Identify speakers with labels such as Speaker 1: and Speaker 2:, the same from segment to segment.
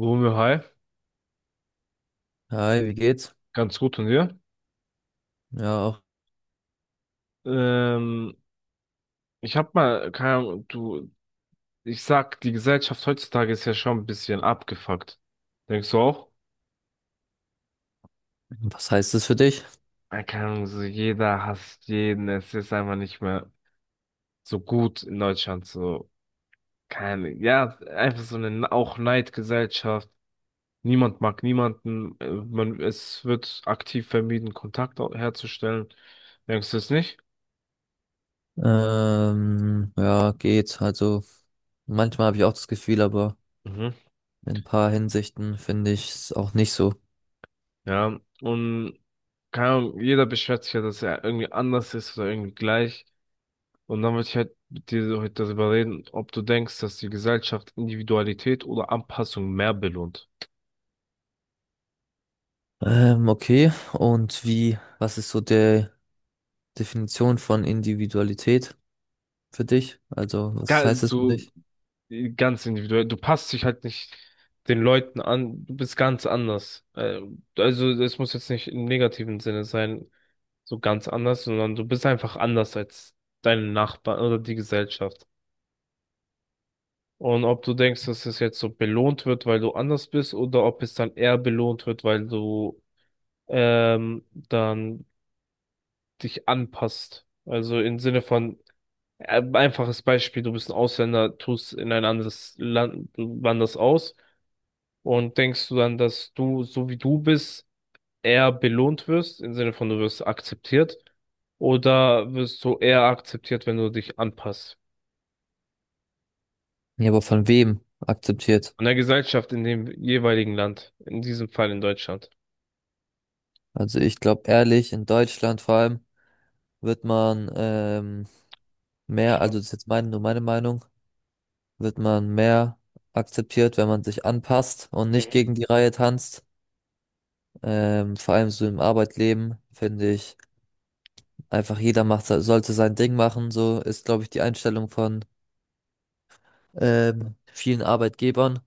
Speaker 1: Romeo, hi,
Speaker 2: Hi, wie geht's?
Speaker 1: ganz gut und dir?
Speaker 2: Ja, auch.
Speaker 1: Ähm, Ich hab mal, keine Ahnung, du, ich sag, die Gesellschaft heutzutage ist ja schon ein bisschen abgefuckt. Denkst du auch?
Speaker 2: Was heißt das für dich?
Speaker 1: Keine Ahnung, so jeder hasst jeden, es ist einfach nicht mehr so gut in Deutschland, so, keine, ja, einfach so eine auch Neidgesellschaft. Niemand mag niemanden, man, es wird aktiv vermieden, herzustellen. Denkst du es nicht?
Speaker 2: Ja, geht. Also manchmal habe ich auch das Gefühl, aber
Speaker 1: Mhm.
Speaker 2: in ein paar Hinsichten finde ich es auch nicht so.
Speaker 1: Ja, und keine Ahnung, jeder beschwert sich ja, dass er irgendwie anders ist oder irgendwie gleich. Und dann wollte ich halt mit dir so heute darüber reden, ob du denkst, dass die Gesellschaft Individualität oder Anpassung mehr belohnt.
Speaker 2: Okay. Und wie, was ist so der Definition von Individualität für dich? Also, was heißt das für
Speaker 1: Du,
Speaker 2: dich?
Speaker 1: ganz individuell, du passt dich halt nicht den Leuten an, du bist ganz anders. Also, das muss jetzt nicht im negativen Sinne sein, so ganz anders, sondern du bist einfach anders als deine Nachbarn oder die Gesellschaft. Und ob du denkst, dass es jetzt so belohnt wird, weil du anders bist, oder ob es dann eher belohnt wird, weil du dann dich anpasst. Also im Sinne von, einfaches Beispiel, du bist ein Ausländer, tust in ein anderes Land, du wanderst aus und denkst du dann, dass du, so wie du bist, eher belohnt wirst, im Sinne von, du wirst akzeptiert, oder wirst du eher akzeptiert, wenn du dich anpasst?
Speaker 2: Ja, aber von wem akzeptiert?
Speaker 1: An der Gesellschaft in dem jeweiligen Land, in diesem Fall in Deutschland.
Speaker 2: Also ich glaube ehrlich, in Deutschland vor allem wird man mehr, also
Speaker 1: Stimmt.
Speaker 2: das ist jetzt meine, nur meine Meinung, wird man mehr akzeptiert, wenn man sich anpasst und nicht gegen die Reihe tanzt. Vor allem so im Arbeitleben finde ich einfach jeder macht, sollte sein Ding machen. So ist, glaube ich, die Einstellung von vielen Arbeitgebern,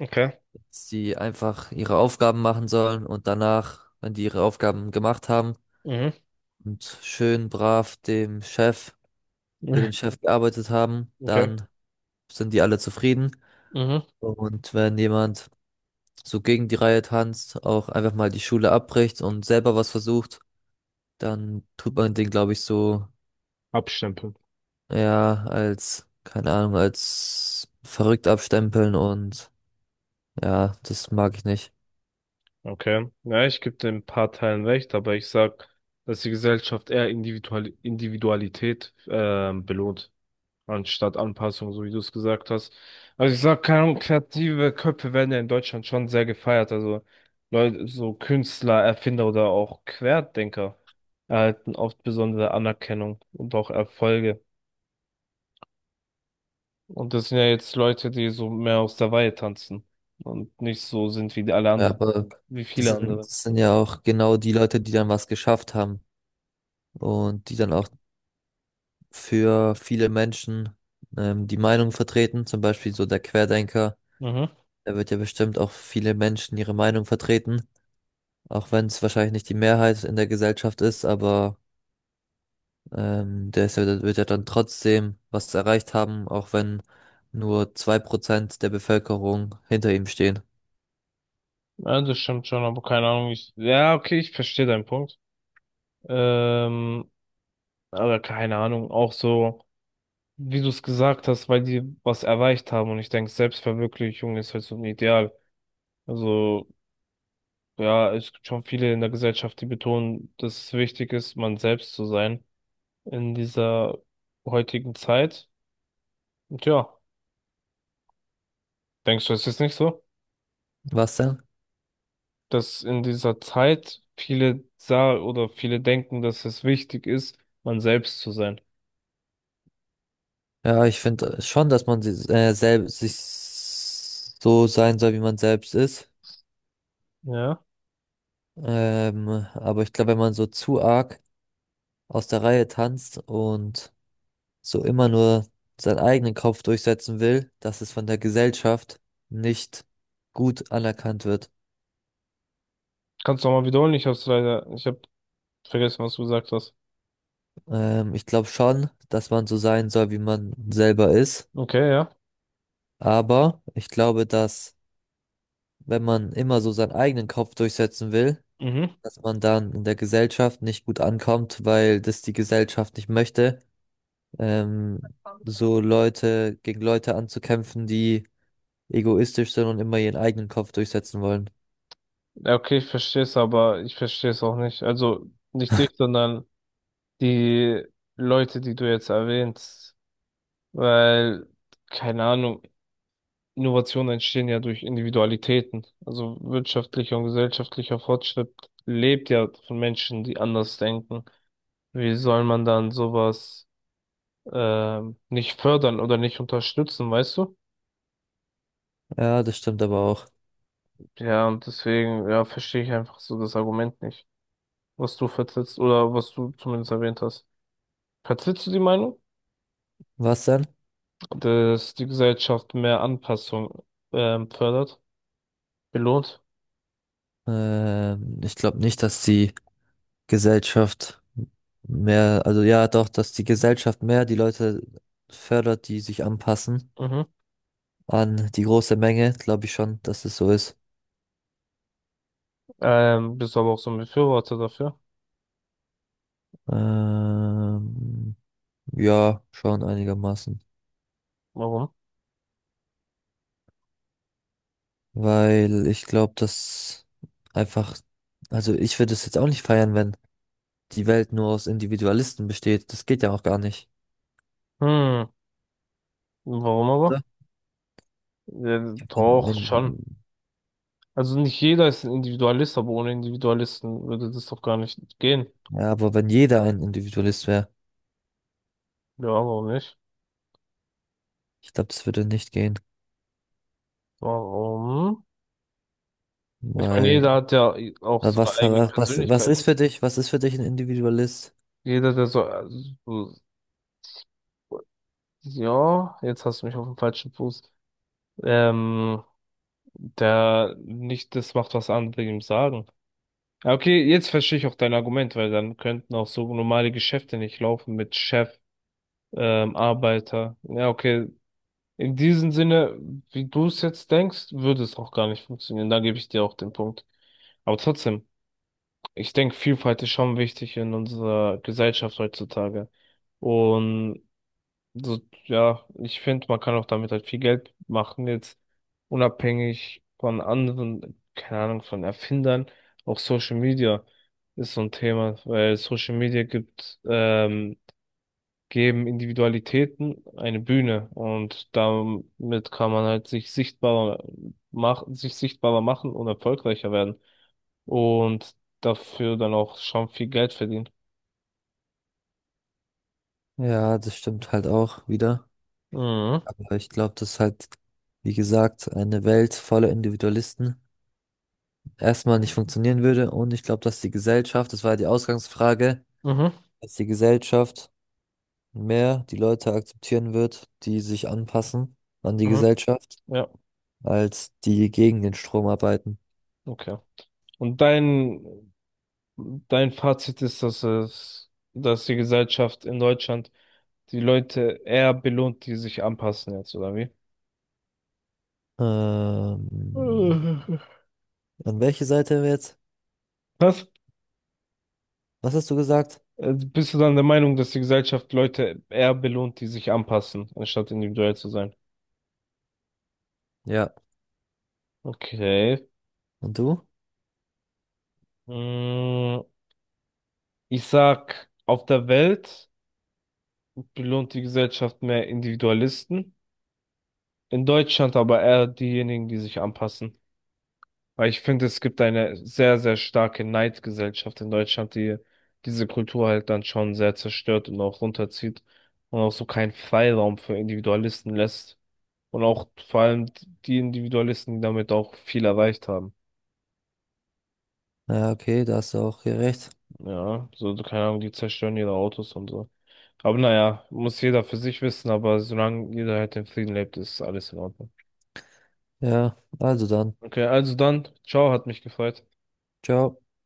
Speaker 1: Okay.
Speaker 2: dass die einfach ihre Aufgaben machen sollen und danach, wenn die ihre Aufgaben gemacht haben
Speaker 1: Mhm.
Speaker 2: und schön brav dem Chef, für den Chef gearbeitet haben,
Speaker 1: Okay.
Speaker 2: dann sind die alle zufrieden.
Speaker 1: Mhm.
Speaker 2: Und wenn jemand so gegen die Reihe tanzt, auch einfach mal die Schule abbricht und selber was versucht, dann tut man den, glaube ich, so
Speaker 1: Abstempeln.
Speaker 2: ja als, keine Ahnung, als verrückt abstempeln und ja, das mag ich nicht.
Speaker 1: Okay. Ja, ich gebe dem ein paar Teilen recht, aber ich sag, dass die Gesellschaft eher Individualität belohnt, anstatt Anpassung, so wie du es gesagt hast. Also ich sag, keine Ahnung, kreative Köpfe werden ja in Deutschland schon sehr gefeiert. Also Leute, so Künstler, Erfinder oder auch Querdenker erhalten oft besondere Anerkennung und auch Erfolge. Und das sind ja jetzt Leute, die so mehr aus der Reihe tanzen und nicht so sind wie die alle
Speaker 2: Ja,
Speaker 1: anderen,
Speaker 2: aber
Speaker 1: wie viele andere.
Speaker 2: das sind ja auch genau die Leute, die dann was geschafft haben und die dann auch für viele Menschen die Meinung vertreten, zum Beispiel so der Querdenker,
Speaker 1: Mhm.
Speaker 2: der wird ja bestimmt auch viele Menschen ihre Meinung vertreten. Auch wenn es wahrscheinlich nicht die Mehrheit in der Gesellschaft ist, aber der ist ja, der wird ja dann trotzdem was erreicht haben, auch wenn nur 2% der Bevölkerung hinter ihm stehen.
Speaker 1: Ja, das stimmt schon, aber keine Ahnung. Ja, okay, ich verstehe deinen Punkt. Ähm, aber keine Ahnung, auch so, wie du es gesagt hast, weil die was erreicht haben und ich denke, Selbstverwirklichung ist halt so ein Ideal. Also, ja, es gibt schon viele in der Gesellschaft, die betonen, dass es wichtig ist, man selbst zu sein in dieser heutigen Zeit. Und ja, denkst du, es ist nicht so?
Speaker 2: Was denn?
Speaker 1: Dass in dieser Zeit viele sah oder viele denken, dass es wichtig ist, man selbst zu sein.
Speaker 2: Ja, ich finde schon, dass man selbst sich so sein soll, wie man selbst ist.
Speaker 1: Ja.
Speaker 2: Ähm, aber ich glaube, wenn man so zu arg aus der Reihe tanzt und so immer nur seinen eigenen Kopf durchsetzen will, dass es von der Gesellschaft nicht gut anerkannt wird.
Speaker 1: Kannst du nochmal wiederholen? Ich hab vergessen, was du gesagt hast.
Speaker 2: Ich glaube schon, dass man so sein soll, wie man selber ist.
Speaker 1: Okay, ja.
Speaker 2: Aber ich glaube, dass wenn man immer so seinen eigenen Kopf durchsetzen will,
Speaker 1: Mhm.
Speaker 2: dass man dann in der Gesellschaft nicht gut ankommt, weil das die Gesellschaft nicht möchte. Ähm, so Leute gegen Leute anzukämpfen, die egoistisch sind und immer ihren eigenen Kopf durchsetzen wollen.
Speaker 1: Ja, okay, ich verstehe es, aber ich verstehe es auch nicht. Also nicht dich, sondern die Leute, die du jetzt erwähnst. Weil, keine Ahnung, Innovationen entstehen ja durch Individualitäten. Also wirtschaftlicher und gesellschaftlicher Fortschritt lebt ja von Menschen, die anders denken. Wie soll man dann sowas nicht fördern oder nicht unterstützen, weißt du?
Speaker 2: Ja, das stimmt aber auch.
Speaker 1: Ja, und deswegen, ja, verstehe ich einfach so das Argument nicht, was du vertrittst oder was du zumindest erwähnt hast. Vertrittst du die Meinung,
Speaker 2: Was denn?
Speaker 1: dass die Gesellschaft mehr Anpassung fördert, belohnt?
Speaker 2: Ich glaube nicht, dass die Gesellschaft mehr, also ja, doch, dass die Gesellschaft mehr die Leute fördert, die sich anpassen
Speaker 1: Mhm.
Speaker 2: an die große Menge, glaube ich schon, dass es so ist.
Speaker 1: Bist aber auch so ein Befürworter dafür.
Speaker 2: Ähm, ja, schon einigermaßen.
Speaker 1: Warum?
Speaker 2: Weil ich glaube, dass einfach, also ich würde es jetzt auch nicht feiern, wenn die Welt nur aus Individualisten besteht. Das geht ja auch gar nicht.
Speaker 1: Hm, warum aber?
Speaker 2: Oder?
Speaker 1: Ja,
Speaker 2: Wenn,
Speaker 1: doch,
Speaker 2: wenn,
Speaker 1: schon. Also nicht jeder ist ein Individualist, aber ohne Individualisten würde das doch gar nicht gehen.
Speaker 2: ja, aber wenn jeder ein Individualist wäre,
Speaker 1: Ja, warum nicht?
Speaker 2: ich glaube, das würde nicht gehen.
Speaker 1: Warum? Ich meine,
Speaker 2: Weil
Speaker 1: jeder hat ja auch so
Speaker 2: aber
Speaker 1: eine eigene
Speaker 2: Was
Speaker 1: Persönlichkeit.
Speaker 2: ist für dich, was ist für dich ein Individualist?
Speaker 1: Jeder, der so, so- ja, jetzt hast du mich auf den falschen Fuß. Ähm, Der nicht das macht, was andere ihm sagen. Ja, okay, jetzt verstehe ich auch dein Argument, weil dann könnten auch so normale Geschäfte nicht laufen mit Chef, Arbeiter. Ja, okay. In diesem Sinne, wie du es jetzt denkst, würde es auch gar nicht funktionieren. Da gebe ich dir auch den Punkt. Aber trotzdem. Ich denke, Vielfalt ist schon wichtig in unserer Gesellschaft heutzutage. Und so, ja, ich finde, man kann auch damit halt viel Geld machen, jetzt unabhängig von anderen, keine Ahnung, von Erfindern. Auch Social Media ist so ein Thema, weil geben Individualitäten eine Bühne und damit kann man halt sich sichtbarer machen und erfolgreicher werden und dafür dann auch schon viel Geld verdient.
Speaker 2: Ja, das stimmt halt auch wieder.
Speaker 1: Mhm.
Speaker 2: Aber ich glaube, dass halt, wie gesagt, eine Welt voller Individualisten erstmal nicht funktionieren würde. Und ich glaube, dass die Gesellschaft, das war ja die Ausgangsfrage,
Speaker 1: Mhm.
Speaker 2: dass die Gesellschaft mehr die Leute akzeptieren wird, die sich anpassen an die
Speaker 1: Mhm.
Speaker 2: Gesellschaft,
Speaker 1: Ja,
Speaker 2: als die gegen den Strom arbeiten.
Speaker 1: okay. Und dein, dein Fazit ist, dass die Gesellschaft in Deutschland die Leute eher belohnt, die sich anpassen jetzt, oder wie?
Speaker 2: Ähm,
Speaker 1: Äh.
Speaker 2: An welche Seite jetzt?
Speaker 1: Was?
Speaker 2: Was hast du gesagt?
Speaker 1: Bist du dann der Meinung, dass die Gesellschaft Leute eher belohnt, die sich anpassen, anstatt individuell zu sein?
Speaker 2: Ja.
Speaker 1: Okay.
Speaker 2: Und du?
Speaker 1: Mm, ich sag, auf der Welt. Belohnt die Gesellschaft mehr Individualisten, in Deutschland aber eher diejenigen, die sich anpassen. Weil ich finde, es gibt eine sehr, sehr starke Neidgesellschaft in Deutschland, die diese Kultur halt dann schon sehr zerstört und auch runterzieht und auch so keinen Freiraum für Individualisten lässt. Und auch vor allem die Individualisten, die damit auch viel erreicht haben.
Speaker 2: Ja, okay, da hast du auch gerecht.
Speaker 1: Ja, so, keine Ahnung, die zerstören ihre Autos und so. Aber naja, muss jeder für sich wissen, aber solange jeder halt in Frieden lebt, ist alles in Ordnung.
Speaker 2: Ja, also dann.
Speaker 1: Okay, also dann, ciao, hat mich gefreut.
Speaker 2: Ciao.